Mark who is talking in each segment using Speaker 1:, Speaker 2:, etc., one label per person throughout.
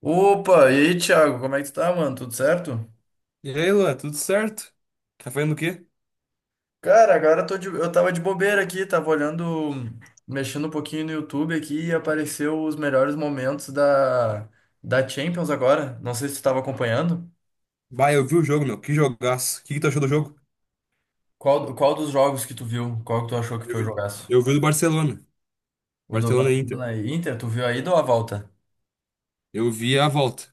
Speaker 1: Opa, e aí, Thiago, como é que tu tá, mano? Tudo certo?
Speaker 2: E aí, Luan, tudo certo? Tá fazendo o quê?
Speaker 1: Cara, agora eu eu tava de bobeira aqui, tava olhando, mexendo um pouquinho no YouTube aqui e apareceu os melhores momentos da Champions agora. Não sei se tu tava acompanhando.
Speaker 2: Bah, eu vi o jogo, meu. Que jogaço. O que que tu achou do jogo?
Speaker 1: Qual dos jogos que tu viu? Qual que tu achou que
Speaker 2: Eu
Speaker 1: foi o
Speaker 2: vi,
Speaker 1: jogaço?
Speaker 2: eu vi do Barcelona.
Speaker 1: O do
Speaker 2: Barcelona e Inter.
Speaker 1: Barcelona e Inter, tu viu aí ou a volta?
Speaker 2: Eu vi a volta.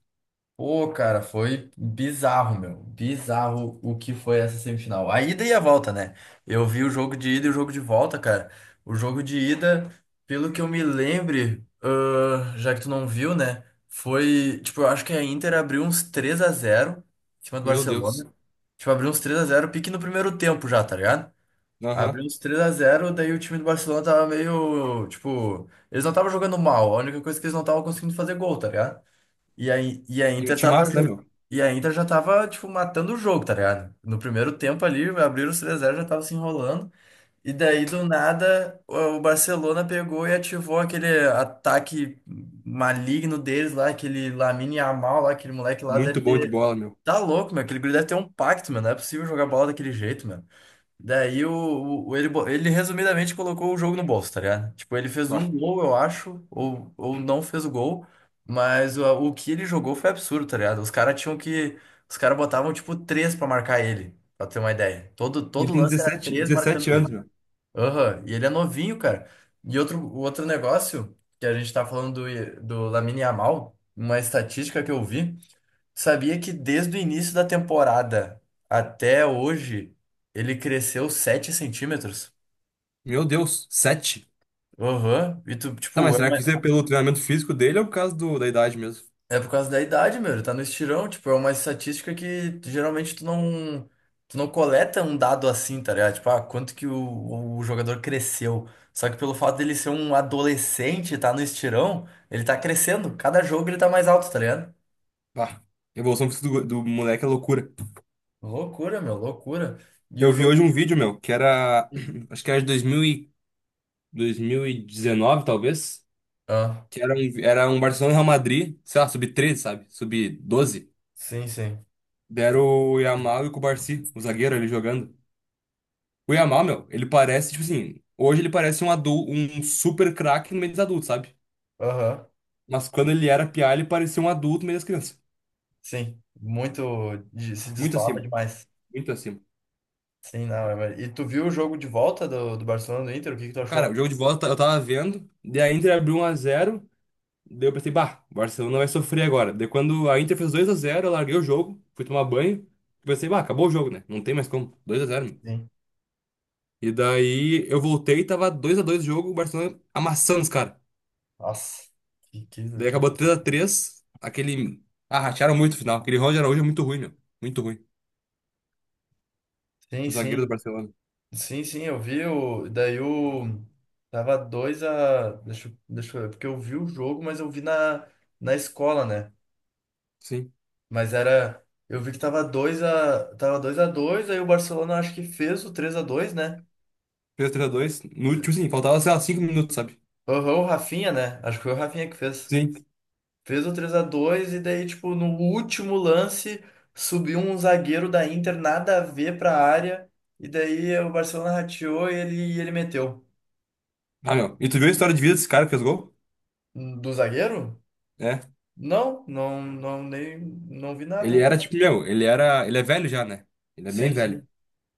Speaker 1: Pô, cara, foi bizarro, meu. Bizarro o que foi essa semifinal. A ida e a volta, né? Eu vi o jogo de ida e o jogo de volta, cara. O jogo de ida, pelo que eu me lembre, já que tu não viu, né? Foi, tipo, eu acho que a Inter abriu uns 3-0 em cima do
Speaker 2: Meu Deus.
Speaker 1: Barcelona. Tipo, abriu uns 3-0, pique no primeiro tempo já, tá ligado? Abriu
Speaker 2: Aham.
Speaker 1: uns 3 a zero, daí o time do Barcelona tava meio, tipo, eles não estavam jogando mal, a única coisa é que eles não estavam conseguindo fazer gol, tá ligado? E a
Speaker 2: E um
Speaker 1: Inter tava.
Speaker 2: timaço, né,
Speaker 1: jo-
Speaker 2: meu?
Speaker 1: E a Inter já tava, tipo, matando o jogo, tá ligado? No primeiro tempo ali, abriram os 3-0, já tava se enrolando. E daí, do nada, o Barcelona pegou e ativou aquele ataque maligno deles lá, aquele Lamine Yamal lá, aquele moleque lá deve
Speaker 2: Muito bom de
Speaker 1: ter.
Speaker 2: bola, meu.
Speaker 1: Tá louco, meu. Aquele guri deve ter um pacto, mano. Não é possível jogar bola daquele jeito, mano. Daí ele resumidamente colocou o jogo no bolso, tá ligado? Tipo, ele fez
Speaker 2: Bah.
Speaker 1: um gol, eu acho, ou não fez o gol, mas o que ele jogou foi absurdo, tá ligado? Os caras tinham que. Os caras botavam, tipo, três pra marcar ele, pra ter uma ideia. Todo,
Speaker 2: E ele
Speaker 1: todo
Speaker 2: tem
Speaker 1: lance era
Speaker 2: dezessete,
Speaker 1: três
Speaker 2: dezessete
Speaker 1: marcando
Speaker 2: anos,
Speaker 1: ele.
Speaker 2: meu.
Speaker 1: Aham, e ele é novinho, cara. O outro negócio que a gente tá falando do Lamine Yamal, uma estatística que eu vi. Sabia que desde o início da temporada até hoje ele cresceu 7 cm?
Speaker 2: Meu Deus, sete.
Speaker 1: Aham. E tu,
Speaker 2: Tá,
Speaker 1: tipo,
Speaker 2: mas
Speaker 1: é,
Speaker 2: será que isso é pelo treinamento físico dele ou por causa da idade mesmo?
Speaker 1: é por causa da idade, meu. Ele tá no estirão. Tipo, é uma estatística que geralmente tu não coleta um dado assim, tá ligado? Tipo, quanto que o jogador cresceu. Só que pelo fato dele ser um adolescente e tá no estirão, ele tá crescendo. Cada jogo ele tá mais alto, tá ligado?
Speaker 2: Bah. A evolução física do moleque é loucura.
Speaker 1: Loucura, meu, loucura. E o
Speaker 2: Eu vi hoje
Speaker 1: jogo.
Speaker 2: um vídeo, meu, que era.
Speaker 1: Hum.
Speaker 2: Acho que era de 2019, talvez.
Speaker 1: Ah,
Speaker 2: Que era era um Barcelona e Real Madrid, sei lá, sub-13, sabe? Sub doze.
Speaker 1: sim, sim.
Speaker 2: Deram o Yamal e o Cubarsí, o zagueiro ali jogando. O Yamal, meu, ele parece, tipo assim, hoje ele parece um adulto, um super craque no meio dos adultos, sabe?
Speaker 1: Aham.
Speaker 2: Mas quando ele era piá, ele parecia um adulto no meio das crianças.
Speaker 1: Sim, muito. Se
Speaker 2: Muito
Speaker 1: destoava
Speaker 2: acima,
Speaker 1: demais.
Speaker 2: muito acima.
Speaker 1: Sim, não. É verdade. E tu viu o jogo de volta do Barcelona do Inter? O que que tu
Speaker 2: Cara, o
Speaker 1: achou?
Speaker 2: jogo de volta eu tava vendo, daí a Inter abriu um a zero, daí eu pensei, bah, o Barcelona vai sofrer agora. Daí quando a Inter fez dois a zero, eu larguei o jogo, fui tomar banho, pensei, bah, acabou o jogo, né? Não tem mais como, dois a zero.
Speaker 1: Sim.
Speaker 2: E daí eu voltei, tava dois a dois o jogo, o Barcelona amassando os caras.
Speaker 1: Nossa, que, que,
Speaker 2: Daí
Speaker 1: que...
Speaker 2: acabou três a três aquele. Ah, ratearam muito o final. Aquele Ronald Araújo é muito ruim, meu. Muito ruim.
Speaker 1: Sim,
Speaker 2: O zagueiro do
Speaker 1: sim.
Speaker 2: Barcelona.
Speaker 1: Sim, sim, eu vi o. Daí o. Tava 2 a. Deixa, deixa eu ver, porque eu vi o jogo, mas eu vi na escola, né?
Speaker 2: Sim.
Speaker 1: Mas era. Eu vi que tava 2 a. Tava 2 a 2 aí o Barcelona acho que fez o 3-2, né?
Speaker 2: Fez 3 x dois no último, sim, faltava, sei lá, 5 minutos, sabe?
Speaker 1: Aham, o Rafinha, né? Acho que foi o Rafinha que fez.
Speaker 2: Sim.
Speaker 1: Fez o três a dois e daí, tipo, no último lance, subiu um zagueiro da Inter, nada a ver pra área. E daí o Barcelona rateou e ele meteu.
Speaker 2: Ah, meu. E tu viu a história de vida desse cara que fez gol?
Speaker 1: Do zagueiro?
Speaker 2: É.
Speaker 1: Não, não, não, nem, não vi
Speaker 2: Ele
Speaker 1: nada.
Speaker 2: era tipo, meu, ele era. Ele é velho já, né? Ele é bem
Speaker 1: Sim,
Speaker 2: velho.
Speaker 1: sim.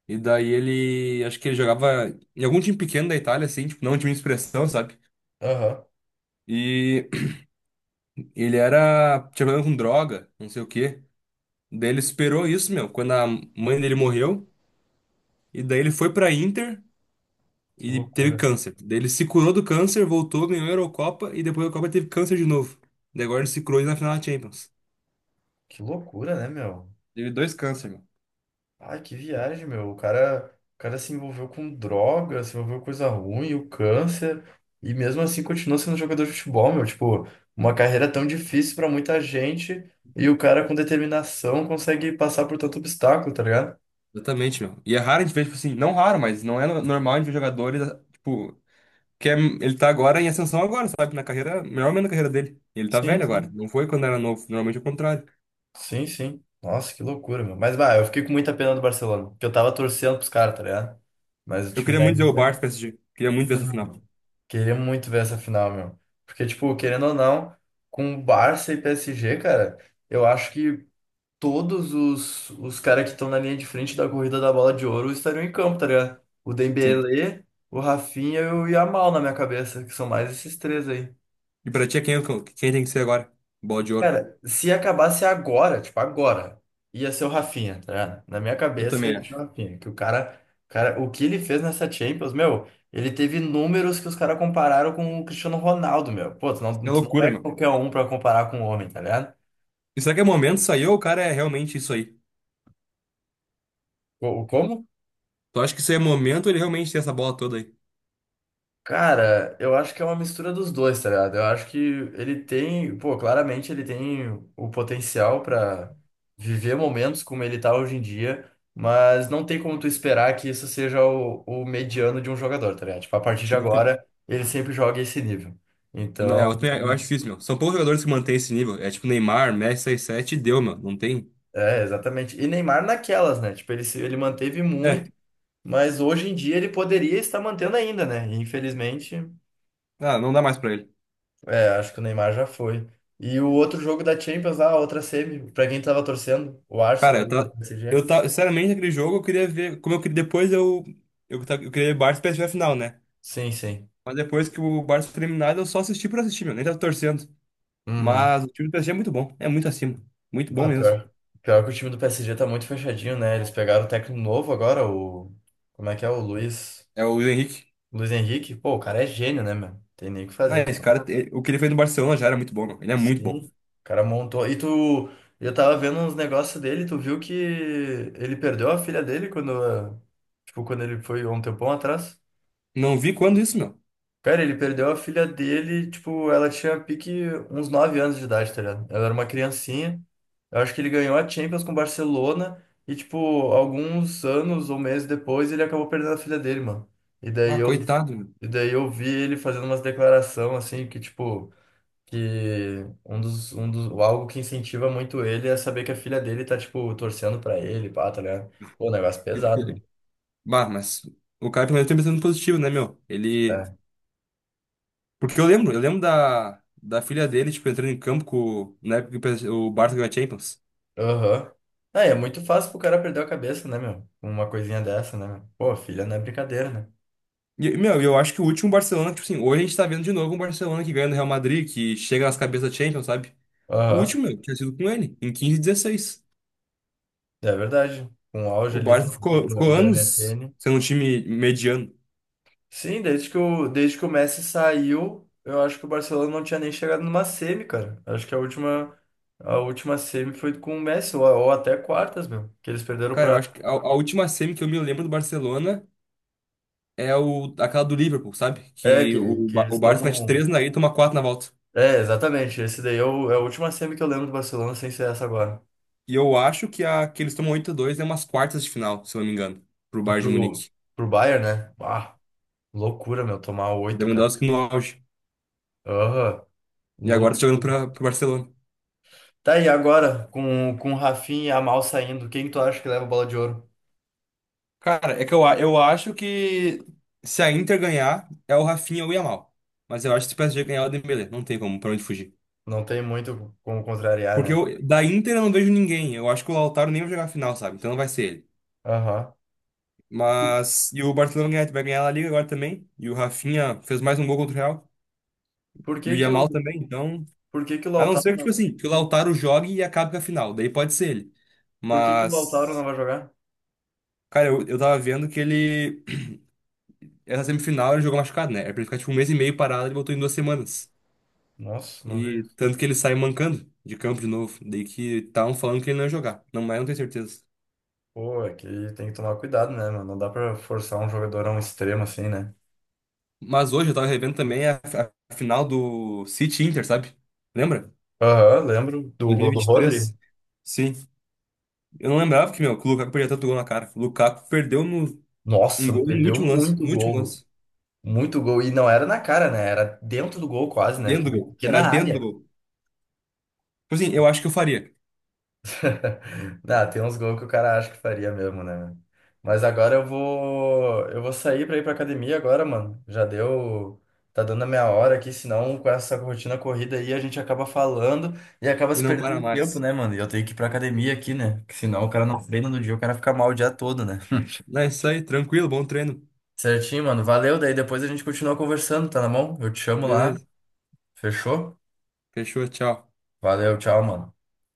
Speaker 2: E daí ele. Acho que ele jogava em algum time pequeno da Itália, assim, tipo, não um time de expressão, sabe?
Speaker 1: Aham.
Speaker 2: E ele era. Tinha problema com droga, não sei o quê. Daí ele esperou isso, meu, quando a mãe dele morreu. E daí ele foi pra Inter
Speaker 1: Que
Speaker 2: e teve
Speaker 1: loucura.
Speaker 2: câncer. Daí ele se curou do câncer, voltou, ganhou a Eurocopa e depois da Copa teve câncer de novo. Daí agora ele se curou na final da Champions.
Speaker 1: Que loucura, né, meu?
Speaker 2: Teve dois câncer, meu.
Speaker 1: Ai, que viagem, meu. O cara se envolveu com droga, se envolveu com coisa ruim, o câncer, e mesmo assim continuou sendo jogador de futebol, meu. Tipo, uma carreira tão difícil pra muita gente, e o cara com determinação consegue passar por tanto obstáculo, tá ligado?
Speaker 2: Exatamente, meu. E é raro a gente ver, tipo assim, não raro, mas não é normal a gente ver jogadores, tipo, que é- ele tá agora em ascensão agora, sabe? Na carreira, melhor ou menos na carreira dele. E ele tá
Speaker 1: Sim,
Speaker 2: velho agora.
Speaker 1: sim.
Speaker 2: Não foi quando era novo, normalmente é o contrário.
Speaker 1: Sim, sim. Nossa, que loucura, meu. Mas, vai, eu fiquei com muita pena do Barcelona, porque eu tava torcendo pros caras, tá ligado? Mas o
Speaker 2: Eu
Speaker 1: time
Speaker 2: queria
Speaker 1: da
Speaker 2: muito ver o
Speaker 1: Inter.
Speaker 2: Barça PSG. Queria muito ver essa final.
Speaker 1: Queria muito ver essa final, meu. Porque, tipo, querendo ou não, com Barça e PSG, cara, eu acho que todos os caras que estão na linha de frente da corrida da bola de ouro estariam em campo, tá ligado? O
Speaker 2: Sim.
Speaker 1: Dembélé, o Rafinha e o Yamal na minha cabeça, que são mais esses três aí.
Speaker 2: E pra ti, é quem, quem tem que ser agora? Bola de ouro.
Speaker 1: Cara, se acabasse agora, tipo, agora, ia ser o Rafinha, tá ligado? Na minha
Speaker 2: Eu
Speaker 1: cabeça, ia
Speaker 2: também
Speaker 1: ser
Speaker 2: acho.
Speaker 1: o Rafinha. Que o cara, cara, o que ele fez nessa Champions, meu, ele teve números que os caras compararam com o Cristiano Ronaldo, meu. Pô, tu
Speaker 2: Isso
Speaker 1: não,
Speaker 2: é
Speaker 1: tu não
Speaker 2: loucura,
Speaker 1: é
Speaker 2: meu.
Speaker 1: qualquer um pra comparar com o homem, tá ligado?
Speaker 2: E será que é momento isso aí ou o cara é realmente isso aí?
Speaker 1: Co- Como
Speaker 2: Tu acha que isso aí é momento ou ele realmente tem essa bola toda aí?
Speaker 1: Cara, eu acho que é uma mistura dos dois, tá ligado? Eu acho que ele tem, pô, claramente ele tem o potencial pra viver momentos como ele tá hoje em dia, mas não tem como tu esperar que isso seja o mediano de um jogador, tá ligado? Tipo, a partir de
Speaker 2: Tipo, que-
Speaker 1: agora, ele sempre joga esse nível.
Speaker 2: Não, é, eu,
Speaker 1: Então,
Speaker 2: eu acho difícil, meu. São poucos jogadores que mantêm esse nível. É tipo Neymar, Messi 6-7 e deu, meu. Não tem.
Speaker 1: é, exatamente. E Neymar naquelas, né? Tipo, ele, se- ele manteve
Speaker 2: É,
Speaker 1: muito, mas hoje em dia ele poderia estar mantendo ainda, né? E, infelizmente.
Speaker 2: ah, não dá mais pra ele.
Speaker 1: É, acho que o Neymar já foi. E o outro jogo da Champions, lá, a outra semi, pra quem tava torcendo, o
Speaker 2: Cara,
Speaker 1: Arsenal
Speaker 2: eu
Speaker 1: e o
Speaker 2: tá.
Speaker 1: PSG.
Speaker 2: Eu tá. Sinceramente, aquele jogo eu queria ver. Como eu queria. Depois eu. Eu queria ver Barça e PSV final, né?
Speaker 1: Sim, sim.
Speaker 2: Mas depois que o Barça foi eliminado, eu só assisti por assistir, meu. Nem tava torcendo.
Speaker 1: Uhum.
Speaker 2: Mas o time do PSG é muito bom. É muito acima. Muito bom
Speaker 1: Ah,
Speaker 2: mesmo.
Speaker 1: pior. Pior que o time do PSG tá muito fechadinho, né? Eles pegaram o técnico novo agora, o. Como é que é? O Luiz.
Speaker 2: É o Luiz Henrique.
Speaker 1: Luiz Henrique. Pô, o cara é gênio, né, meu? Tem nem o que
Speaker 2: Não,
Speaker 1: fazer, o
Speaker 2: esse
Speaker 1: cara.
Speaker 2: cara, o que ele fez no Barcelona já era muito bom, meu. Ele é muito bom.
Speaker 1: Sim. O cara montou. E tu. Eu tava vendo uns negócios dele, tu viu que ele perdeu a filha dele quando, tipo, quando ele foi há um tempão atrás?
Speaker 2: Não vi quando isso, meu.
Speaker 1: Cara, ele perdeu a filha dele, tipo, ela tinha pique uns 9 anos de idade, tá ligado? Ela era uma criancinha. Eu acho que ele ganhou a Champions com o Barcelona e, tipo, alguns anos ou meses depois ele acabou perdendo a filha dele, mano. E daí
Speaker 2: Ah,
Speaker 1: eu,
Speaker 2: coitado, meu.
Speaker 1: e daí eu vi ele fazendo umas declarações, assim, que, tipo, que algo que incentiva muito ele é saber que a filha dele tá, tipo, torcendo pra ele, pá, tá ligado? Pô, um negócio
Speaker 2: Ele-
Speaker 1: pesado, mano.
Speaker 2: ele- Bah, mas o cara pelo menos tem um pensamento positivo, né, meu? Ele.
Speaker 1: É.
Speaker 2: Porque eu lembro da filha dele, tipo, entrando em campo com, na época que o Barça ganhou a Champions.
Speaker 1: Aham. Ah, é muito fácil pro cara perder a cabeça, né, meu? Com uma coisinha dessa, né, meu? Pô, filha não é brincadeira, né?
Speaker 2: E, meu, eu acho que o último Barcelona, tipo assim, hoje a gente tá vendo de novo um Barcelona que ganha no Real Madrid, que chega nas cabeças da Champions, sabe? O
Speaker 1: Aham.
Speaker 2: último, meu, tinha sido com ele, em 15 e 16.
Speaker 1: É verdade. Com o auge
Speaker 2: O
Speaker 1: ali do,
Speaker 2: Barça
Speaker 1: do,
Speaker 2: ficou
Speaker 1: do
Speaker 2: anos
Speaker 1: MSN.
Speaker 2: sendo um time mediano.
Speaker 1: Sim, desde que o Messi saiu, eu acho que o Barcelona não tinha nem chegado numa semi, cara. Acho que a última semi foi com o Messi, ou até quartas, meu. Que eles perderam
Speaker 2: Cara, eu
Speaker 1: pra.
Speaker 2: acho que a última semi que eu me lembro do Barcelona é, aquela do Liverpool, sabe?
Speaker 1: É, que, que eles
Speaker 2: O Barça mete
Speaker 1: tomam.
Speaker 2: 3 na ida e toma 4 na volta.
Speaker 1: É, exatamente. Esse daí é a última semi que eu lembro do Barcelona sem ser essa agora.
Speaker 2: E eu acho que a que eles tomam 8-2 é umas quartas de final, se eu não me engano, pro
Speaker 1: E
Speaker 2: Bayern de
Speaker 1: Pro,
Speaker 2: Munique.
Speaker 1: pro Bayern, né? Ah. Loucura, meu, tomar oito, cara.
Speaker 2: Lewandowski no auge.
Speaker 1: Aham,
Speaker 2: E agora tá jogando
Speaker 1: loucura.
Speaker 2: pro Barcelona.
Speaker 1: Tá aí agora, com o Rafinha e a Mal saindo, quem tu acha que leva a bola de ouro?
Speaker 2: Cara, eu acho que se a Inter ganhar, é o Rafinha ou o Yamal. Mas eu acho que se o PSG ganhar, é o Dembélé. Não tem como, pra onde fugir.
Speaker 1: Não tem muito como contrariar,
Speaker 2: Porque
Speaker 1: né?
Speaker 2: da Inter eu não vejo ninguém. Eu acho que o Lautaro nem vai jogar a final, sabe? Então não vai ser ele.
Speaker 1: Aham.
Speaker 2: Mas. E o Barcelona vai ganhar a Liga agora também. E o Rafinha fez mais um gol contra o Real.
Speaker 1: Por
Speaker 2: E o
Speaker 1: que que o
Speaker 2: Yamal também. Então.
Speaker 1: por que que o
Speaker 2: A não
Speaker 1: Lautaro,
Speaker 2: ser que, tipo
Speaker 1: não-
Speaker 2: assim, que o Lautaro jogue e acabe com a final. Daí pode ser ele.
Speaker 1: por que que o Lautaro não
Speaker 2: Mas.
Speaker 1: vai jogar?
Speaker 2: Cara, eu tava vendo que ele. Essa semifinal ele jogou machucado, né? Era pra ele ficar tipo um mês e meio parado, ele botou em 2 semanas.
Speaker 1: Nossa, não vi
Speaker 2: E
Speaker 1: isso.
Speaker 2: tanto que ele sai mancando de campo de novo. Daí que estavam falando que ele não ia jogar. Não, mas eu não tenho certeza.
Speaker 1: Pô, é que tem que tomar cuidado, né, mano? Não dá pra forçar um jogador a um extremo assim, né?
Speaker 2: Mas hoje eu tava revendo também a final do City Inter, sabe? Lembra?
Speaker 1: Aham, lembro do gol do Rodri.
Speaker 2: 2023. Sim. Eu não lembrava que, meu, que o Lukaku perdia tanto gol na cara. O Lukaku perdeu um
Speaker 1: Nossa,
Speaker 2: gol no
Speaker 1: perdeu
Speaker 2: último lance.
Speaker 1: muito
Speaker 2: No último
Speaker 1: gol.
Speaker 2: lance.
Speaker 1: Muito gol. E não era na cara, né? Era dentro do gol quase, né? Porque
Speaker 2: Dentro do
Speaker 1: na
Speaker 2: gol.
Speaker 1: pequena
Speaker 2: Era dentro do
Speaker 1: área.
Speaker 2: gol. Tipo assim, eu acho que eu faria.
Speaker 1: Ah, tem uns gols que o cara acha que faria mesmo, né, meu? Mas agora eu vou sair pra ir pra academia agora, mano. Já deu, tá dando a minha hora aqui, senão com essa rotina corrida aí a gente acaba falando e acaba
Speaker 2: E
Speaker 1: se
Speaker 2: não para
Speaker 1: perdendo no tempo,
Speaker 2: mais.
Speaker 1: né, mano? E eu tenho que ir pra academia aqui, né? Porque senão o cara não treina no dia, o cara fica mal o dia todo, né?
Speaker 2: Não, é isso aí. Tranquilo, bom treino.
Speaker 1: Certinho, mano. Valeu, daí depois a gente continua conversando, tá na mão? Eu te chamo lá.
Speaker 2: Beleza.
Speaker 1: Fechou?
Speaker 2: Fechou, tchau.
Speaker 1: Valeu, tchau, mano.